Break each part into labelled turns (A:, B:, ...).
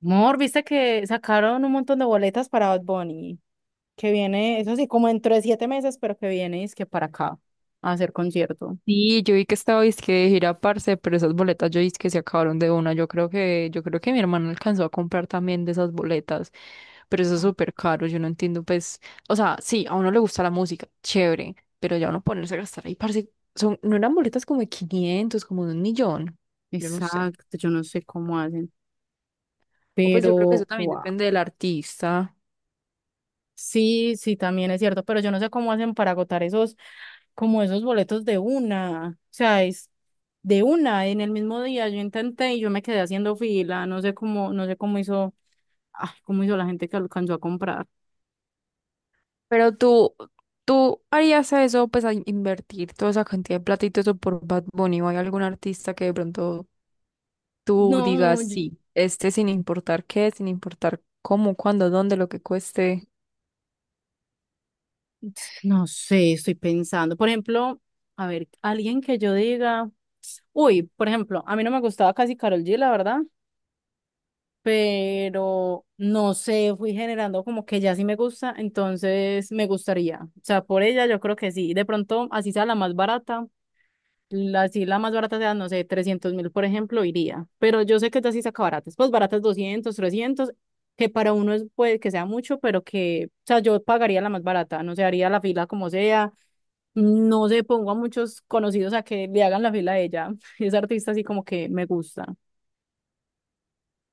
A: Mor, viste que sacaron un montón de boletas para Bad Bunny, que viene, eso sí, como dentro de 7 meses, pero que viene es que para acá a hacer concierto.
B: Sí, yo vi que estaba dizque de gira, parce, pero esas boletas yo dizque se acabaron de una. Yo creo que mi hermano alcanzó a comprar también de esas boletas, pero eso es
A: Ah.
B: súper caro. Yo no entiendo, pues, o sea, sí, a uno le gusta la música, chévere, pero ya uno ponerse a gastar ahí, parce, son, no eran boletas como de 500, como de 1.000.000, yo no sé.
A: Exacto, yo no sé cómo hacen,
B: O pues yo creo que eso
A: pero
B: también
A: wow.
B: depende del artista.
A: Sí, sí, también es cierto, pero yo no sé cómo hacen para agotar esos, como esos boletos de una, o sea, es de una, en el mismo día yo intenté y yo me quedé haciendo fila, no sé cómo, no sé cómo hizo, ah, cómo hizo la gente que alcanzó a comprar.
B: Pero tú harías eso, pues, a invertir toda esa cantidad de platitos por Bad Bunny o hay algún artista que de pronto tú
A: No,
B: digas
A: yo-
B: sí, este sin importar qué, sin importar cómo, cuándo, dónde, lo que cueste.
A: No sé, estoy pensando. Por ejemplo, a ver, alguien que yo diga, uy, por ejemplo, a mí no me gustaba casi Karol G, la verdad, pero no sé, fui generando como que ya sí me gusta, entonces me gustaría. O sea, por ella yo creo que sí. De pronto, así sea la más barata, así la más barata sea, no sé, 300.000, por ejemplo, iría. Pero yo sé que ya sí saca baratas, pues baratas 200 300 que para uno es, puede que sea mucho, pero que, o sea, yo pagaría la más barata, no sé, haría la fila como sea no se pongo a muchos conocidos a que le hagan la fila a ella. Es artista así como que me gusta.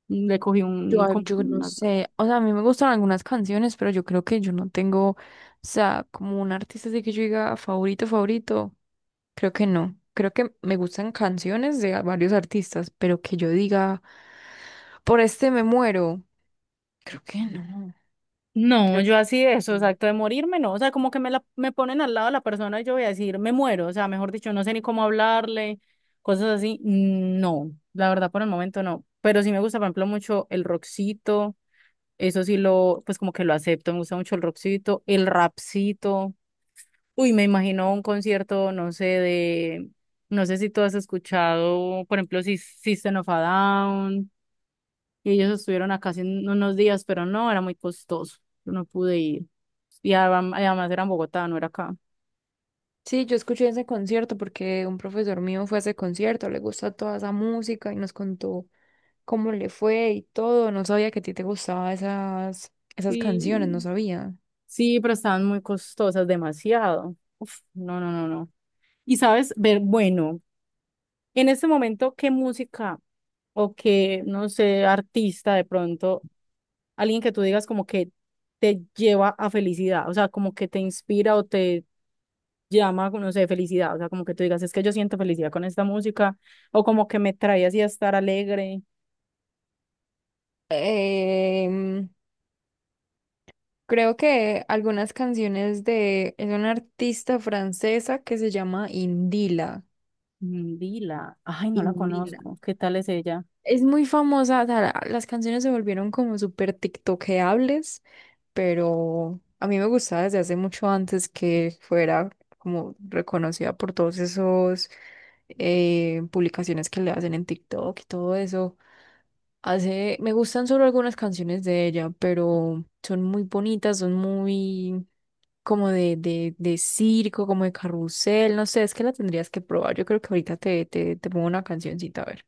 A: Le cogí un, como
B: Yo no
A: unas-
B: sé, o sea, a mí me gustan algunas canciones, pero yo creo que yo no tengo, o sea, como un artista así que yo diga favorito, favorito, creo que no. Creo que me gustan canciones de varios artistas, pero que yo diga, por este me muero, creo que no.
A: No,
B: Creo que
A: yo así de eso,
B: no.
A: exacto, de morirme, no. O sea, como que me ponen al lado de la persona y yo voy a decir, me muero. O sea, mejor dicho, no sé ni cómo hablarle, cosas así. Mm, no, la verdad por el momento no. Pero sí me gusta, por ejemplo, mucho el rockcito. Eso sí lo, pues como que lo acepto. Me gusta mucho el rockcito, el rapcito. Uy, me imagino un concierto, no sé, de, no sé si tú has escuchado, por ejemplo, si System of a Down, y ellos estuvieron acá hace unos días, pero no, era muy costoso, yo no pude ir. Y además era en Bogotá, no era acá.
B: Sí, yo escuché ese concierto porque un profesor mío fue a ese concierto, le gusta toda esa música y nos contó cómo le fue y todo. No sabía que a ti te gustaban esas canciones, no
A: Sí,
B: sabía.
A: sí, pero estaban muy costosas, demasiado. Uf, no, no, no, no. Y sabes, ver, bueno, en este momento, ¿qué música? O que, no sé, artista de pronto, alguien que tú digas como que te lleva a felicidad, o sea, como que te inspira o te llama, no sé, felicidad, o sea, como que tú digas, es que yo siento felicidad con esta música, o como que me trae así a estar alegre.
B: Em, Creo que algunas canciones de... Es una artista francesa que se llama Indila.
A: Mm, Dila, ay, no la
B: Indila.
A: conozco, ¿qué tal es ella?
B: Es muy famosa, o sea, las canciones se volvieron como súper tiktokeables, pero a mí me gustaba desde hace mucho antes que fuera como reconocida por todos esos publicaciones que le hacen en TikTok y todo eso. Hace, me gustan solo algunas canciones de ella, pero son muy bonitas, son muy como de circo, como de carrusel, no sé, es que la tendrías que probar. Yo creo que ahorita te pongo una cancioncita a ver.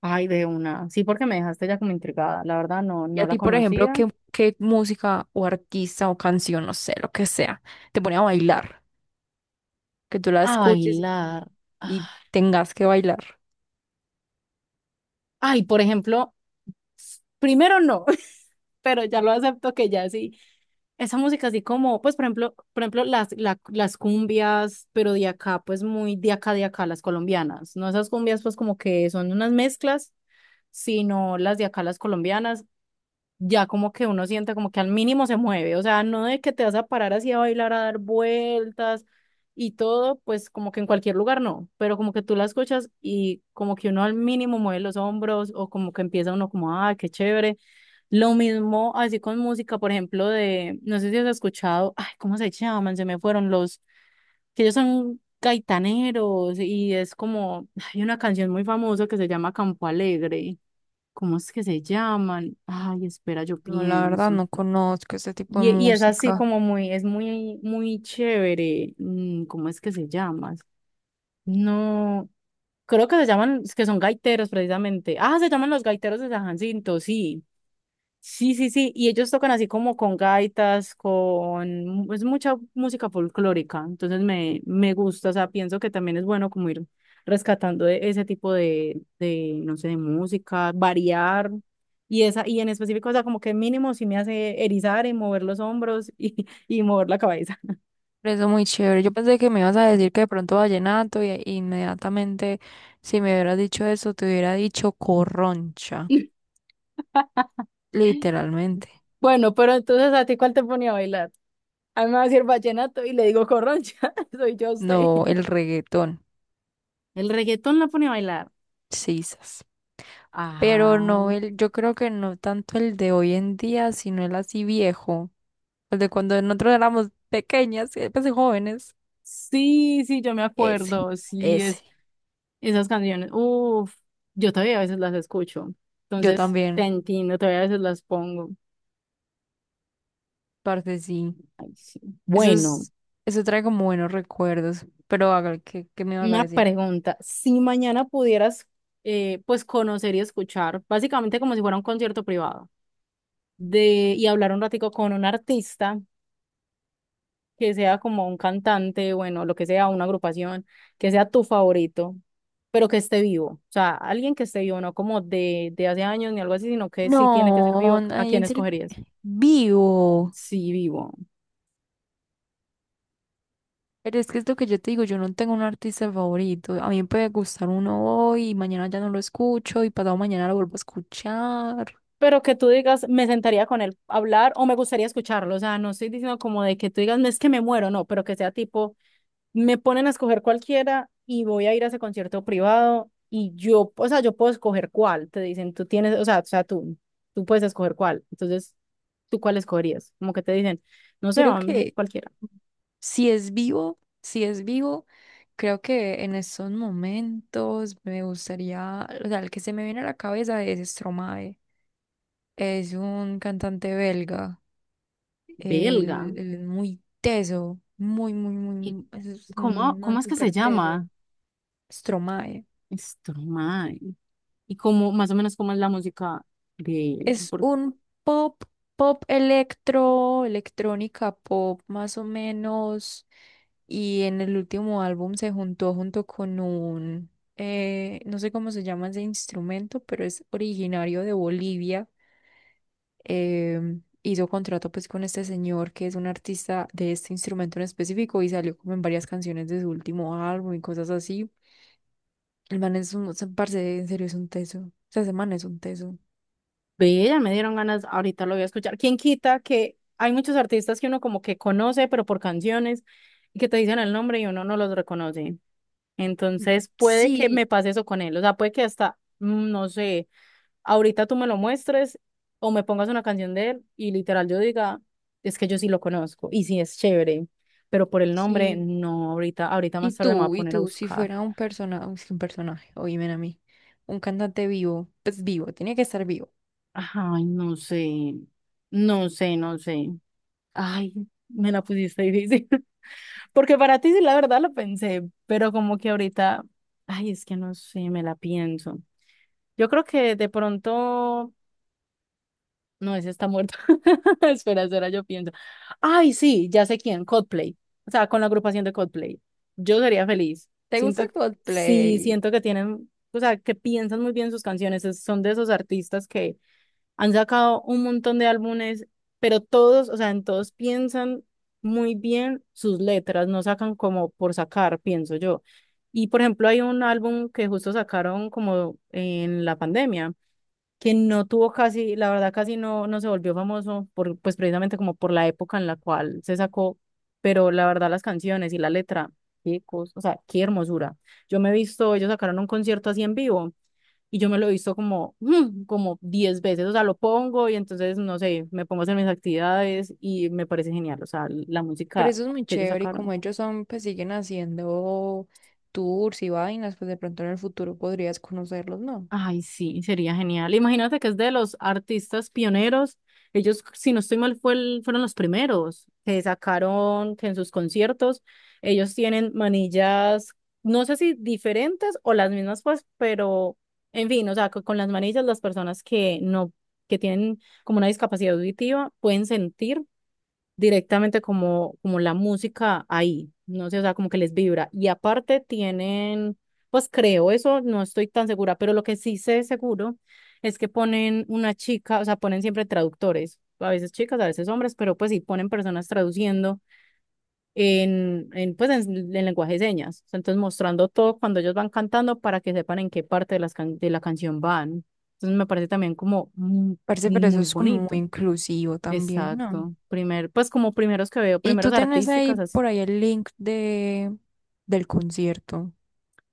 A: Ay, de una, sí, porque me dejaste ya como intrigada, la verdad no,
B: Y
A: no
B: a
A: la
B: ti, por ejemplo,
A: conocía.
B: ¿qué música o artista o canción, no sé, lo que sea, te pone a bailar? Que tú la
A: A
B: escuches
A: bailar.
B: y
A: Ah.
B: tengas que bailar.
A: Ay, por ejemplo, primero no, pero ya lo acepto que ya sí. Esa música así como, pues por ejemplo, las cumbias, pero de acá, pues muy de acá, las colombianas. No esas cumbias pues como que son unas mezclas, sino las de acá, las colombianas, ya como que uno siente como que al mínimo se mueve, o sea, no de que te vas a parar así a bailar, a dar vueltas y todo, pues como que en cualquier lugar no, pero como que tú la escuchas y como que uno al mínimo mueve los hombros o como que empieza uno como, ah, qué chévere. Lo mismo así con música, por ejemplo, de, no sé si has escuchado, ay, ¿cómo se llaman? Se me fueron los, que ellos son gaitaneros y es como, hay una canción muy famosa que se llama Campo Alegre. ¿Cómo es que se llaman? Ay, espera, yo
B: No, la verdad,
A: pienso.
B: no conozco ese tipo de
A: Y es así
B: música.
A: como es muy, muy chévere. ¿Cómo es que se llaman? No, creo que se llaman, es que son gaiteros precisamente. Ah, se llaman los gaiteros de San Jacinto, sí. Sí, sí, sí, y ellos tocan así como con gaitas, con es mucha música folclórica, entonces me gusta, o sea, pienso que también es bueno como ir rescatando ese tipo de, no sé, de música, variar, y en específico, o sea, como que mínimo sí me hace erizar y mover los hombros y, y mover la cabeza.
B: Eso muy chévere. Yo pensé que me ibas a decir que de pronto vallenato y inmediatamente si me hubieras dicho eso, te hubiera dicho corroncha, literalmente.
A: Bueno, pero entonces, ¿a ti cuál te ponía a bailar? A mí me va a decir vallenato y le digo corroncha, soy yo a usted.
B: No, el reggaetón,
A: El reggaetón la pone a bailar.
B: sisas. Pero no
A: Ay.
B: el, yo creo que no tanto el de hoy en día, sino el así viejo, el de cuando nosotros éramos pequeñas, pues jóvenes.
A: Sí, sí, yo me
B: Ese,
A: acuerdo, sí,
B: ese.
A: esas canciones, uff, yo todavía a veces las escucho,
B: Yo
A: entonces te
B: también,
A: entiendo, todavía a veces las pongo.
B: parte sí.
A: Ay, sí.
B: Eso
A: Bueno,
B: es, eso trae como buenos recuerdos. Pero haga, ¿qué me vas a
A: una
B: decir?
A: pregunta, si mañana pudieras, pues, conocer y escuchar, básicamente como si fuera un concierto privado, y hablar un ratico con un artista, que sea como un cantante, bueno, lo que sea, una agrupación, que sea tu favorito, pero que esté vivo. O sea, alguien que esté vivo, no como de hace años ni algo así, sino que sí tiene que ser
B: No,
A: vivo. ¿A
B: ahí
A: quién
B: en serio,
A: escogerías?
B: vivo.
A: Sí, vivo.
B: Pero es que es lo que yo te digo, yo no tengo un artista favorito. A mí me puede gustar uno hoy y mañana ya no lo escucho y pasado mañana lo vuelvo a escuchar.
A: Pero que tú digas, me sentaría con él a hablar o me gustaría escucharlo. O sea, no estoy diciendo como de que tú digas, no es que me muero, no, pero que sea tipo me ponen a escoger cualquiera y voy a ir a ese concierto privado y yo, o sea, yo puedo escoger cuál, te dicen, tú tienes, o sea, tú puedes escoger cuál, entonces, ¿tú cuál escogerías? Como que te dicen, no sé,
B: Creo
A: van
B: que
A: cualquiera.
B: si es vivo, creo que en estos momentos me gustaría, o sea, el que se me viene a la cabeza es Stromae. Es un cantante belga. Él,
A: Belga.
B: él es muy teso, muy, muy,
A: ¿Y
B: muy, es
A: cómo,
B: un
A: cómo
B: man
A: es que se
B: súper teso.
A: llama?
B: Stromae.
A: Stromae. ¿Y cómo, más o menos, cómo es la música de
B: Es
A: por?
B: un pop, pop electro, electrónica pop más o menos. Y en el último álbum se juntó junto con un, no sé cómo se llama ese instrumento, pero es originario de Bolivia. Hizo contrato pues con este señor que es un artista de este instrumento en específico y salió como en varias canciones de su último álbum y cosas así. El man es un, o sea, parce, en serio es un teso. O sea, ese man es un teso.
A: Ve, ya me dieron ganas, ahorita lo voy a escuchar. ¿Quién quita que hay muchos artistas que uno como que conoce, pero por canciones, y que te dicen el nombre y uno no los reconoce? Entonces, puede que
B: Sí,
A: me pase eso con él. O sea, puede que hasta, no sé, ahorita tú me lo muestres o me pongas una canción de él y literal yo diga, es que yo sí lo conozco y sí es chévere, pero por el nombre,
B: sí.
A: no, ahorita
B: ¿Y
A: más tarde me voy a
B: tú? ¿Y
A: poner a
B: tú? Si
A: buscar.
B: fuera un persona, es que un personaje, oíme a mí, un cantante vivo, pues vivo, tiene que estar vivo.
A: Ay, no sé, no sé, no sé. Ay, me la pusiste difícil. Porque para ti sí, la verdad lo pensé, pero como que ahorita, ay, es que no sé, me la pienso. Yo creo que de pronto, no, ese está muerto. Espera, espera, yo pienso. Ay, sí, ya sé quién, Coldplay. O sea, con la agrupación de Coldplay. Yo sería feliz.
B: ¿Te gusta
A: Sí,
B: Coldplay?
A: siento que tienen, o sea, que piensan muy bien sus canciones. Son de esos artistas que han sacado un montón de álbumes, pero todos, o sea, en todos piensan muy bien sus letras, no sacan como por sacar, pienso yo. Y por ejemplo, hay un álbum que justo sacaron como en la pandemia, que no tuvo casi, la verdad casi no, no se volvió famoso por, pues precisamente como por la época en la cual se sacó, pero la verdad las canciones y la letra, qué cosa, o sea, qué hermosura. Yo me he visto, ellos sacaron un concierto así en vivo y yo me lo he visto como, como 10 veces, o sea, lo pongo y entonces, no sé, me pongo a hacer mis actividades y me parece genial, o sea, la
B: Pero
A: música
B: eso es muy
A: que ellos
B: chévere y como
A: sacaron.
B: ellos son, pues siguen haciendo tours y vainas, pues de pronto en el futuro podrías conocerlos, ¿no?
A: Ay, sí, sería genial. Imagínate que es de los artistas pioneros. Ellos, si no estoy mal, fueron los primeros que sacaron que en sus conciertos. Ellos tienen manillas, no sé si diferentes o las mismas, pues, pero en fin, o sea, con, las manillas las personas que no, que tienen como una discapacidad auditiva pueden sentir directamente como la música ahí, no sé, o sea, como que les vibra. Y aparte tienen, pues creo eso, no estoy tan segura, pero lo que sí sé seguro es que ponen una chica, o sea, ponen siempre traductores, a veces chicas, a veces hombres, pero pues sí ponen personas traduciendo en lenguaje de señas. O sea, entonces mostrando todo cuando ellos van cantando para que sepan en qué parte de la canción van. Entonces me parece también como muy,
B: Parece, pero eso
A: muy
B: es como muy
A: bonito.
B: inclusivo también, ¿no?
A: Exacto. Pues como primeros que veo,
B: Y
A: primeros
B: tú tenés ahí
A: artísticas, así.
B: por ahí el link de del concierto,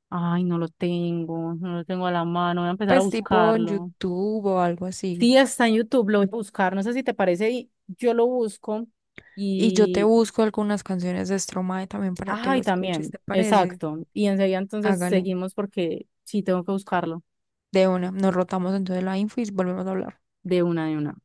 A: Ay, no lo tengo, no lo tengo a la mano, voy a empezar a
B: pues tipo en
A: buscarlo.
B: YouTube o algo así.
A: Sí, está en YouTube, lo voy a buscar, no sé si te parece, y yo lo busco
B: Y yo te
A: y,
B: busco algunas canciones de Stromae también para que lo
A: ay,
B: escuches,
A: también,
B: ¿te parece?
A: exacto. Y enseguida entonces
B: Hágale,
A: seguimos porque sí tengo que buscarlo
B: de una. Nos rotamos entonces la info y volvemos a hablar.
A: de una de una.